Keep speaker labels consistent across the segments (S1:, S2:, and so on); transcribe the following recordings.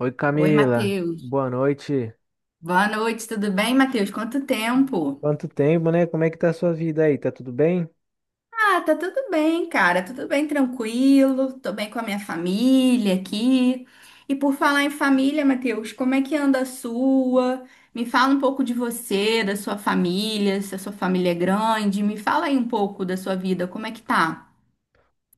S1: Oi
S2: Oi,
S1: Camila,
S2: Matheus.
S1: boa noite.
S2: Boa noite, tudo bem, Matheus? Quanto tempo?
S1: Quanto tempo, né? Como é que tá a sua vida aí? Tá tudo bem?
S2: Ah, tá tudo bem, cara. Tudo bem, tranquilo. Tô bem com a minha família aqui. E por falar em família, Matheus, como é que anda a sua? Me fala um pouco de você, da sua família, se a sua família é grande. Me fala aí um pouco da sua vida, como é que tá?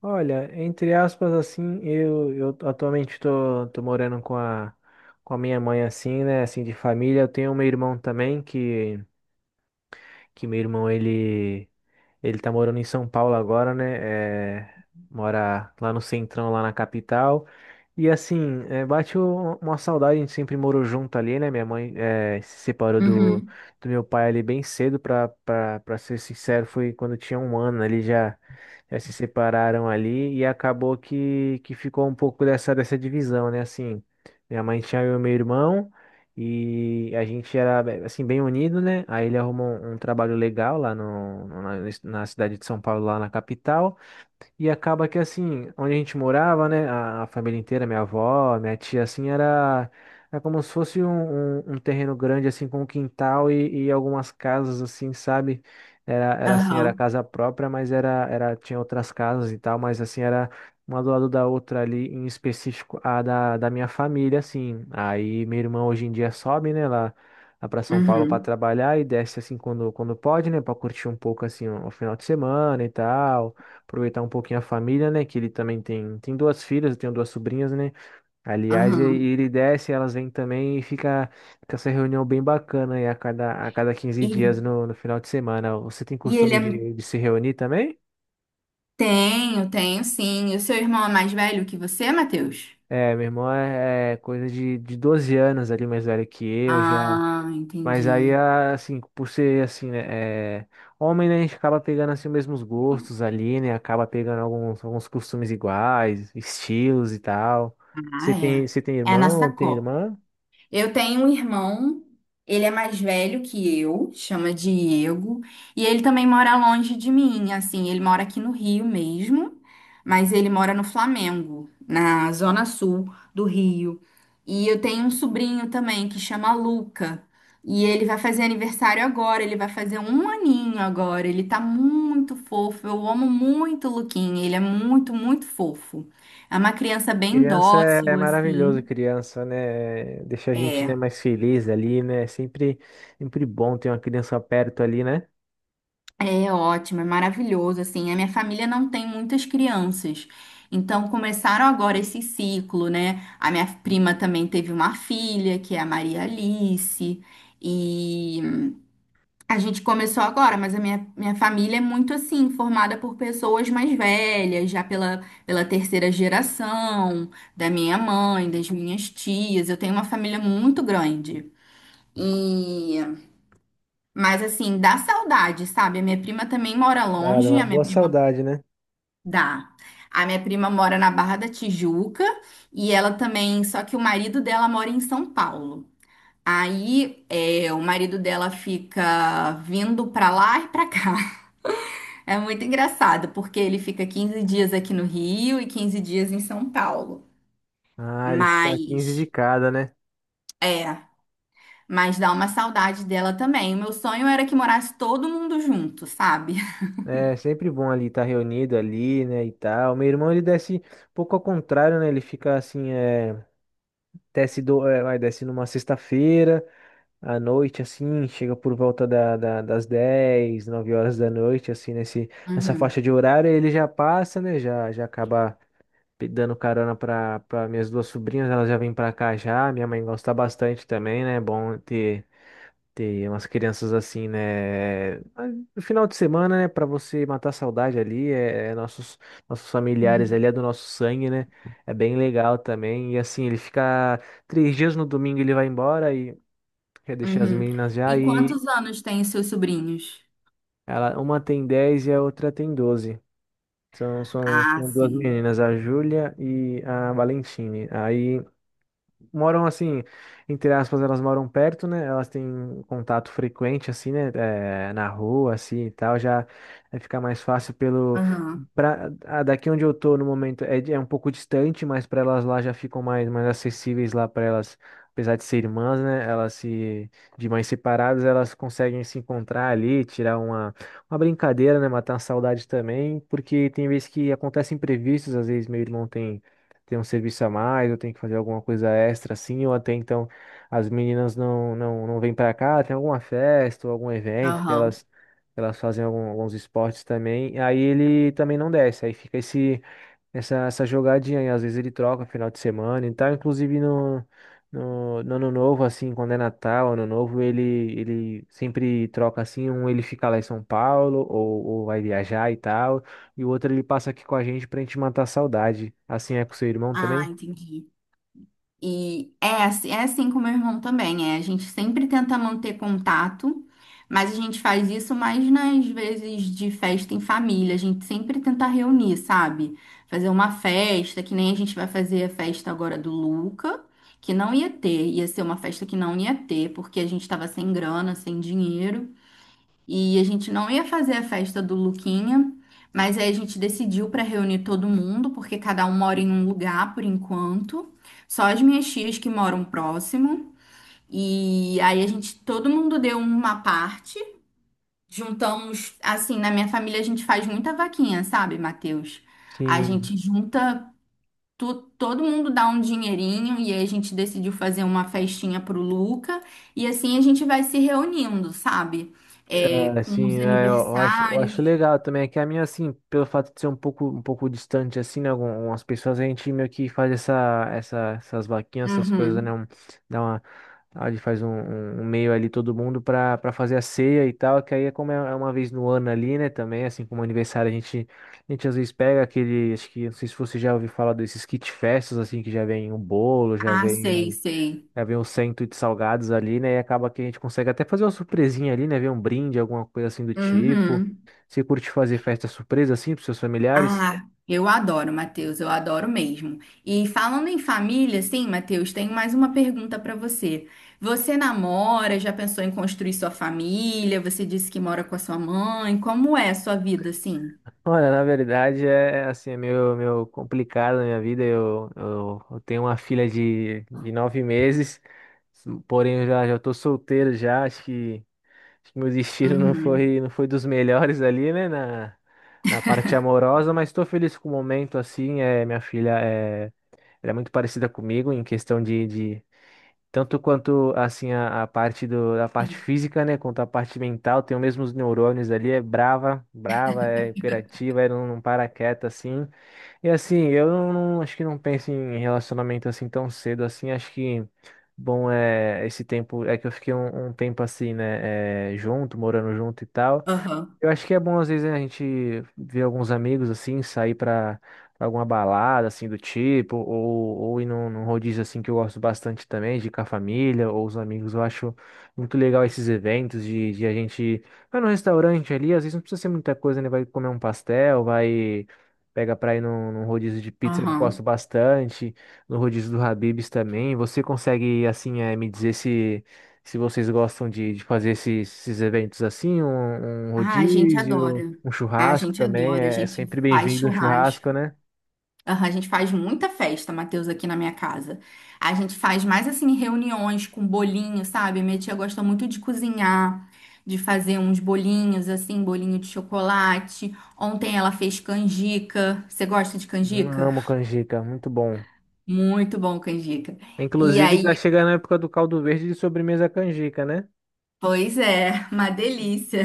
S1: Olha, entre aspas, assim, eu atualmente tô morando com a minha mãe, assim, né? Assim, de família. Eu tenho meu irmão também, que meu irmão, ele tá morando em São Paulo agora, né? Mora lá no centrão, lá na capital. E assim, bate uma saudade, a gente sempre morou junto ali, né? Minha mãe se separou do,
S2: Uhum.
S1: do meu pai ali bem cedo, pra ser sincero, foi quando eu tinha 1 ano ali já, já se separaram ali e acabou que ficou um pouco dessa divisão, né? Assim, minha mãe tinha eu e meu irmão. E a gente era, assim, bem unido, né? Aí ele arrumou um trabalho legal lá na cidade de São Paulo, lá na capital. E acaba que assim, onde a gente morava, né, a família inteira, minha avó, minha tia, assim, era como se fosse um terreno grande, assim, com um quintal e algumas casas, assim, sabe? Era assim, era
S2: Aham.
S1: casa própria, mas era, tinha outras casas e tal, mas assim, era uma do lado da outra ali, em específico a da minha família, assim. Aí minha irmã hoje em dia sobe, né, lá para São Paulo para
S2: Uhum.
S1: trabalhar e desce, assim, quando pode, né, para curtir um pouco, assim, o final de semana e tal, aproveitar um pouquinho a família, né? Que ele também tem duas filhas, eu tenho duas sobrinhas, né? Aliás, e
S2: Aham.
S1: ele desce, elas vêm também e fica essa reunião bem bacana aí a cada 15
S2: E,
S1: dias no final de semana. Você tem
S2: e ele
S1: costume
S2: é...
S1: de se reunir também?
S2: Tenho, tenho sim. E o seu irmão é mais velho que você, Matheus?
S1: É, meu irmão é coisa de 12 anos ali mais velho que eu, já.
S2: Ah,
S1: Mas aí,
S2: entendi.
S1: assim, por ser assim, né, homem, né, a gente acaba pegando assim os mesmos gostos ali, né? Acaba pegando alguns costumes iguais, estilos e tal. Você
S2: Ah,
S1: tem, você tem
S2: é. É na
S1: irmão ou tem
S2: sacola.
S1: irmã?
S2: Eu tenho um irmão, ele é mais velho que eu, chama Diego, e ele também mora longe de mim, assim, ele mora aqui no Rio mesmo, mas ele mora no Flamengo, na zona sul do Rio. E eu tenho um sobrinho também que chama Luca, e ele vai fazer aniversário agora, ele vai fazer um aninho agora, ele tá muito fofo, eu amo muito o Luquinha, ele é muito, muito fofo. É uma criança bem
S1: Criança é
S2: dócil,
S1: maravilhoso,
S2: assim.
S1: criança, né? Deixa a gente, né,
S2: É.
S1: mais feliz ali, né? Sempre bom ter uma criança perto ali, né?
S2: É ótimo, é maravilhoso, assim. A minha família não tem muitas crianças. Então começaram agora esse ciclo, né? A minha prima também teve uma filha, que é a Maria Alice, e a gente começou agora, mas a minha família é muito assim, formada por pessoas mais velhas, já pela terceira geração, da minha mãe, das minhas tias. Eu tenho uma família muito grande. E mas assim, dá saudade, sabe? A minha prima também mora
S1: Dá
S2: longe,
S1: uma
S2: a minha
S1: boa
S2: prima
S1: saudade, né?
S2: dá. A minha prima mora na Barra da Tijuca e ela também, só que o marido dela mora em São Paulo. Aí, é, o marido dela fica vindo pra lá e pra cá. É muito engraçado, porque ele fica 15 dias aqui no Rio e 15 dias em São Paulo.
S1: Ah, ele fica 15 de
S2: Mas,
S1: cada, né?
S2: é, mas dá uma saudade dela também. O meu sonho era que morasse todo mundo junto, sabe?
S1: É sempre bom ali estar reunido ali, né, e tal. Meu irmão, ele desce um pouco ao contrário, né? Ele fica assim, desce, do, é, vai, desce numa sexta-feira à noite, assim, chega por volta das 10 9 horas da noite, assim, nessa faixa de horário, aí ele já passa, né, já acaba dando carona para minhas duas sobrinhas, elas já vêm para cá já, minha mãe gosta bastante também, né, é bom ter tem umas crianças assim, né? Mas no final de semana, né, pra você matar a saudade ali, é nossos familiares ali,
S2: Uhum.
S1: é do nosso sangue, né? É bem legal também. E assim, ele fica 3 dias, no domingo, ele vai embora e quer deixar as
S2: Uhum.
S1: meninas já.
S2: E
S1: E
S2: quantos anos têm os seus sobrinhos?
S1: ela, uma tem 10 e a outra tem 12. São, são,
S2: Ah,
S1: são duas
S2: sim.
S1: meninas, a Júlia e a Valentine. Aí, moram assim, entre aspas, elas moram perto, né? Elas têm contato frequente, assim, né? Na rua, assim e tal. Já fica mais fácil pelo.
S2: Aham,
S1: Daqui onde eu tô no momento é um pouco distante, mas para elas lá já ficam mais acessíveis lá para elas. Apesar de ser irmãs, né? Elas se. De mães separadas, elas conseguem se encontrar ali, tirar uma brincadeira, né? Matar a saudade também, porque tem vezes que acontecem imprevistos, às vezes meu irmão tem um serviço a mais, eu tenho que fazer alguma coisa extra assim, ou até então as meninas não vêm para cá, tem alguma festa ou algum evento que
S2: aham.
S1: elas fazem alguns esportes também, aí ele também não desce, aí fica essa jogadinha, e às vezes ele troca final de semana e tal, inclusive no. No ano novo, assim, quando é Natal, ano novo, ele sempre troca assim, um ele fica lá em São Paulo, ou vai viajar e tal. E o outro ele passa aqui com a gente pra gente matar a saudade. Assim é com seu irmão
S2: Ah,
S1: também?
S2: entendi. E é, é assim com o meu irmão também, é. A gente sempre tenta manter contato, mas a gente faz isso mais nas vezes de festa em família. A gente sempre tenta reunir, sabe? Fazer uma festa, que nem a gente vai fazer a festa agora do Luca, que não ia ter, ia ser uma festa que não ia ter, porque a gente tava sem grana, sem dinheiro. E a gente não ia fazer a festa do Luquinha, mas aí a gente decidiu para reunir todo mundo, porque cada um mora em um lugar por enquanto. Só as minhas tias que moram próximo. E aí a gente, todo mundo deu uma parte. Juntamos, assim, na minha família a gente faz muita vaquinha, sabe, Matheus? A
S1: Sim,
S2: gente junta todo mundo dá um dinheirinho e aí a gente decidiu fazer uma festinha pro Luca e assim a gente vai se reunindo, sabe? É,
S1: é,
S2: com
S1: sim,
S2: os
S1: é, eu acho
S2: aniversários.
S1: legal também, é que a minha, assim, pelo fato de ser um pouco distante, assim, né, algumas pessoas, a gente meio que faz essa, essas vaquinhas, essas coisas, né,
S2: Uhum.
S1: dá uma, a gente faz um meio ali todo mundo pra fazer a ceia e tal, que aí é como é uma vez no ano ali, né, também, assim, como aniversário, a gente às vezes pega aquele, acho que, não sei se você já ouviu falar desses kit festas, assim, que já vem o bolo, já
S2: Ah, sei,
S1: vem
S2: sei.
S1: É, vem um cento de salgados ali, né? E acaba que a gente consegue até fazer uma surpresinha ali, né? Ver um brinde, alguma coisa assim do tipo.
S2: Uhum.
S1: Você curte fazer festa surpresa assim pros seus familiares?
S2: Ah, eu adoro, Matheus, eu adoro mesmo. E falando em família, sim, Matheus, tenho mais uma pergunta para você. Você namora, já pensou em construir sua família? Você disse que mora com a sua mãe. Como é a sua vida, assim?
S1: Olha, na verdade é assim, é meio complicado na minha vida. Eu tenho uma filha de 9 meses, porém eu já tô solteiro já. Acho que meu destino não
S2: Uhum.
S1: foi, não foi dos melhores ali, né? Na parte amorosa, mas tô feliz com o momento assim. Minha filha é. Ela é muito parecida comigo em questão de tanto quanto assim a parte do, a parte
S2: Sim.
S1: física, né, quanto a parte mental, tem os mesmos neurônios ali, é brava, brava, é imperativa, não para quieta assim. E assim, eu acho que não penso em relacionamento assim tão cedo assim, acho que bom é esse tempo é que eu fiquei um tempo assim, né, junto, morando junto e tal.
S2: Aham.
S1: Eu acho que é bom, às vezes, né, a gente ver alguns amigos, assim, sair pra alguma balada, assim, do tipo, ou ir num rodízio, assim, que eu gosto bastante também, de ir com a família ou os amigos. Eu acho muito legal esses eventos de a gente vai num restaurante ali, às vezes não precisa ser muita coisa, né? Vai comer um pastel, vai... Pega pra ir num rodízio de pizza que eu gosto
S2: Aham.
S1: bastante, no rodízio do Habib's também. Você consegue, assim, me dizer se... Se vocês gostam de fazer esses eventos assim, um
S2: Ah, a gente
S1: rodízio,
S2: adora.
S1: um
S2: Ah, a
S1: churrasco
S2: gente
S1: também,
S2: adora. A
S1: é
S2: gente
S1: sempre
S2: faz
S1: bem-vindo um
S2: churrasco.
S1: churrasco, né?
S2: Aham, a gente faz muita festa, Matheus, aqui na minha casa. A gente faz mais assim reuniões com bolinho, sabe? Minha tia gosta muito de cozinhar, de fazer uns bolinhos assim, bolinho de chocolate. Ontem ela fez canjica. Você gosta de canjica?
S1: Amo canjica, muito bom.
S2: Muito bom canjica. E
S1: Inclusive, tá
S2: aí,
S1: chegando a época do caldo verde de sobremesa canjica, né?
S2: pois é, uma delícia.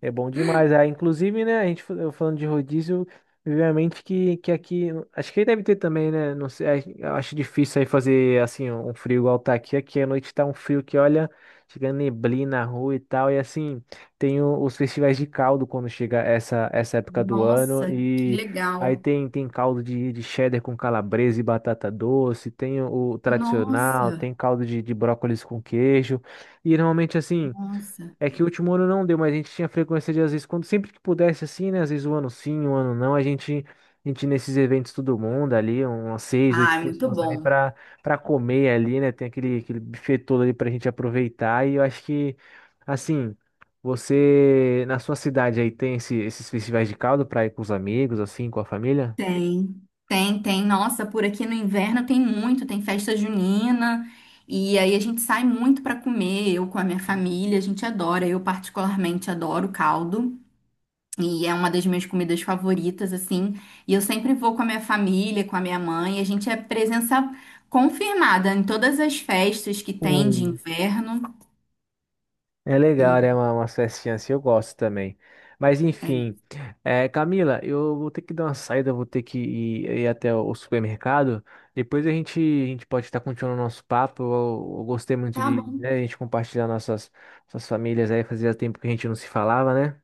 S1: É bom demais. Ah, inclusive, né, eu falando de rodízio, me veio à mente que aqui, acho que aí deve ter também, né, não sei, eu acho difícil aí fazer, assim, um frio igual tá aqui, aqui à noite tá um frio que, olha, chega neblina na rua e tal, e assim, tem os festivais de caldo quando chega essa época do ano,
S2: Nossa, que
S1: e aí
S2: legal.
S1: tem caldo de cheddar com calabresa e batata doce, tem o tradicional,
S2: Nossa,
S1: tem caldo de brócolis com queijo, e normalmente, assim...
S2: nossa.
S1: É que o último ano não deu, mas a gente tinha frequência de, às vezes, quando sempre que pudesse, assim, né? Às vezes um ano sim, um ano não, a gente ia nesses eventos todo mundo ali, umas seis, oito
S2: Ai, muito
S1: pessoas ali
S2: bom.
S1: pra comer ali, né? Tem aquele buffet todo ali pra gente aproveitar. E eu acho que, assim, você, na sua cidade aí, tem esses festivais de caldo pra ir com os amigos, assim, com a família?
S2: Tem. Tem, tem. Nossa, por aqui no inverno tem muito, tem festa junina. E aí a gente sai muito para comer, eu com a minha família, a gente adora. Eu particularmente adoro caldo e é uma das minhas comidas favoritas assim. E eu sempre vou com a minha família, com a minha mãe, e a gente é presença confirmada em todas as festas que tem de inverno.
S1: É
S2: E
S1: legal, né? Umas festinhas assim, eu gosto também. Mas
S2: é isso.
S1: enfim, Camila, eu vou ter que dar uma saída, eu vou ter que ir até o supermercado. Depois a gente pode estar continuando o nosso papo. Eu gostei muito
S2: Tá
S1: de,
S2: bom.
S1: né, a gente compartilhar nossas famílias aí, fazia tempo que a gente não se falava, né?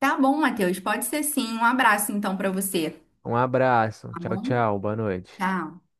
S2: Tá bom, Matheus. Pode ser sim. Um abraço então para você.
S1: Um abraço,
S2: Tá
S1: tchau,
S2: bom?
S1: tchau, boa noite.
S2: Tchau.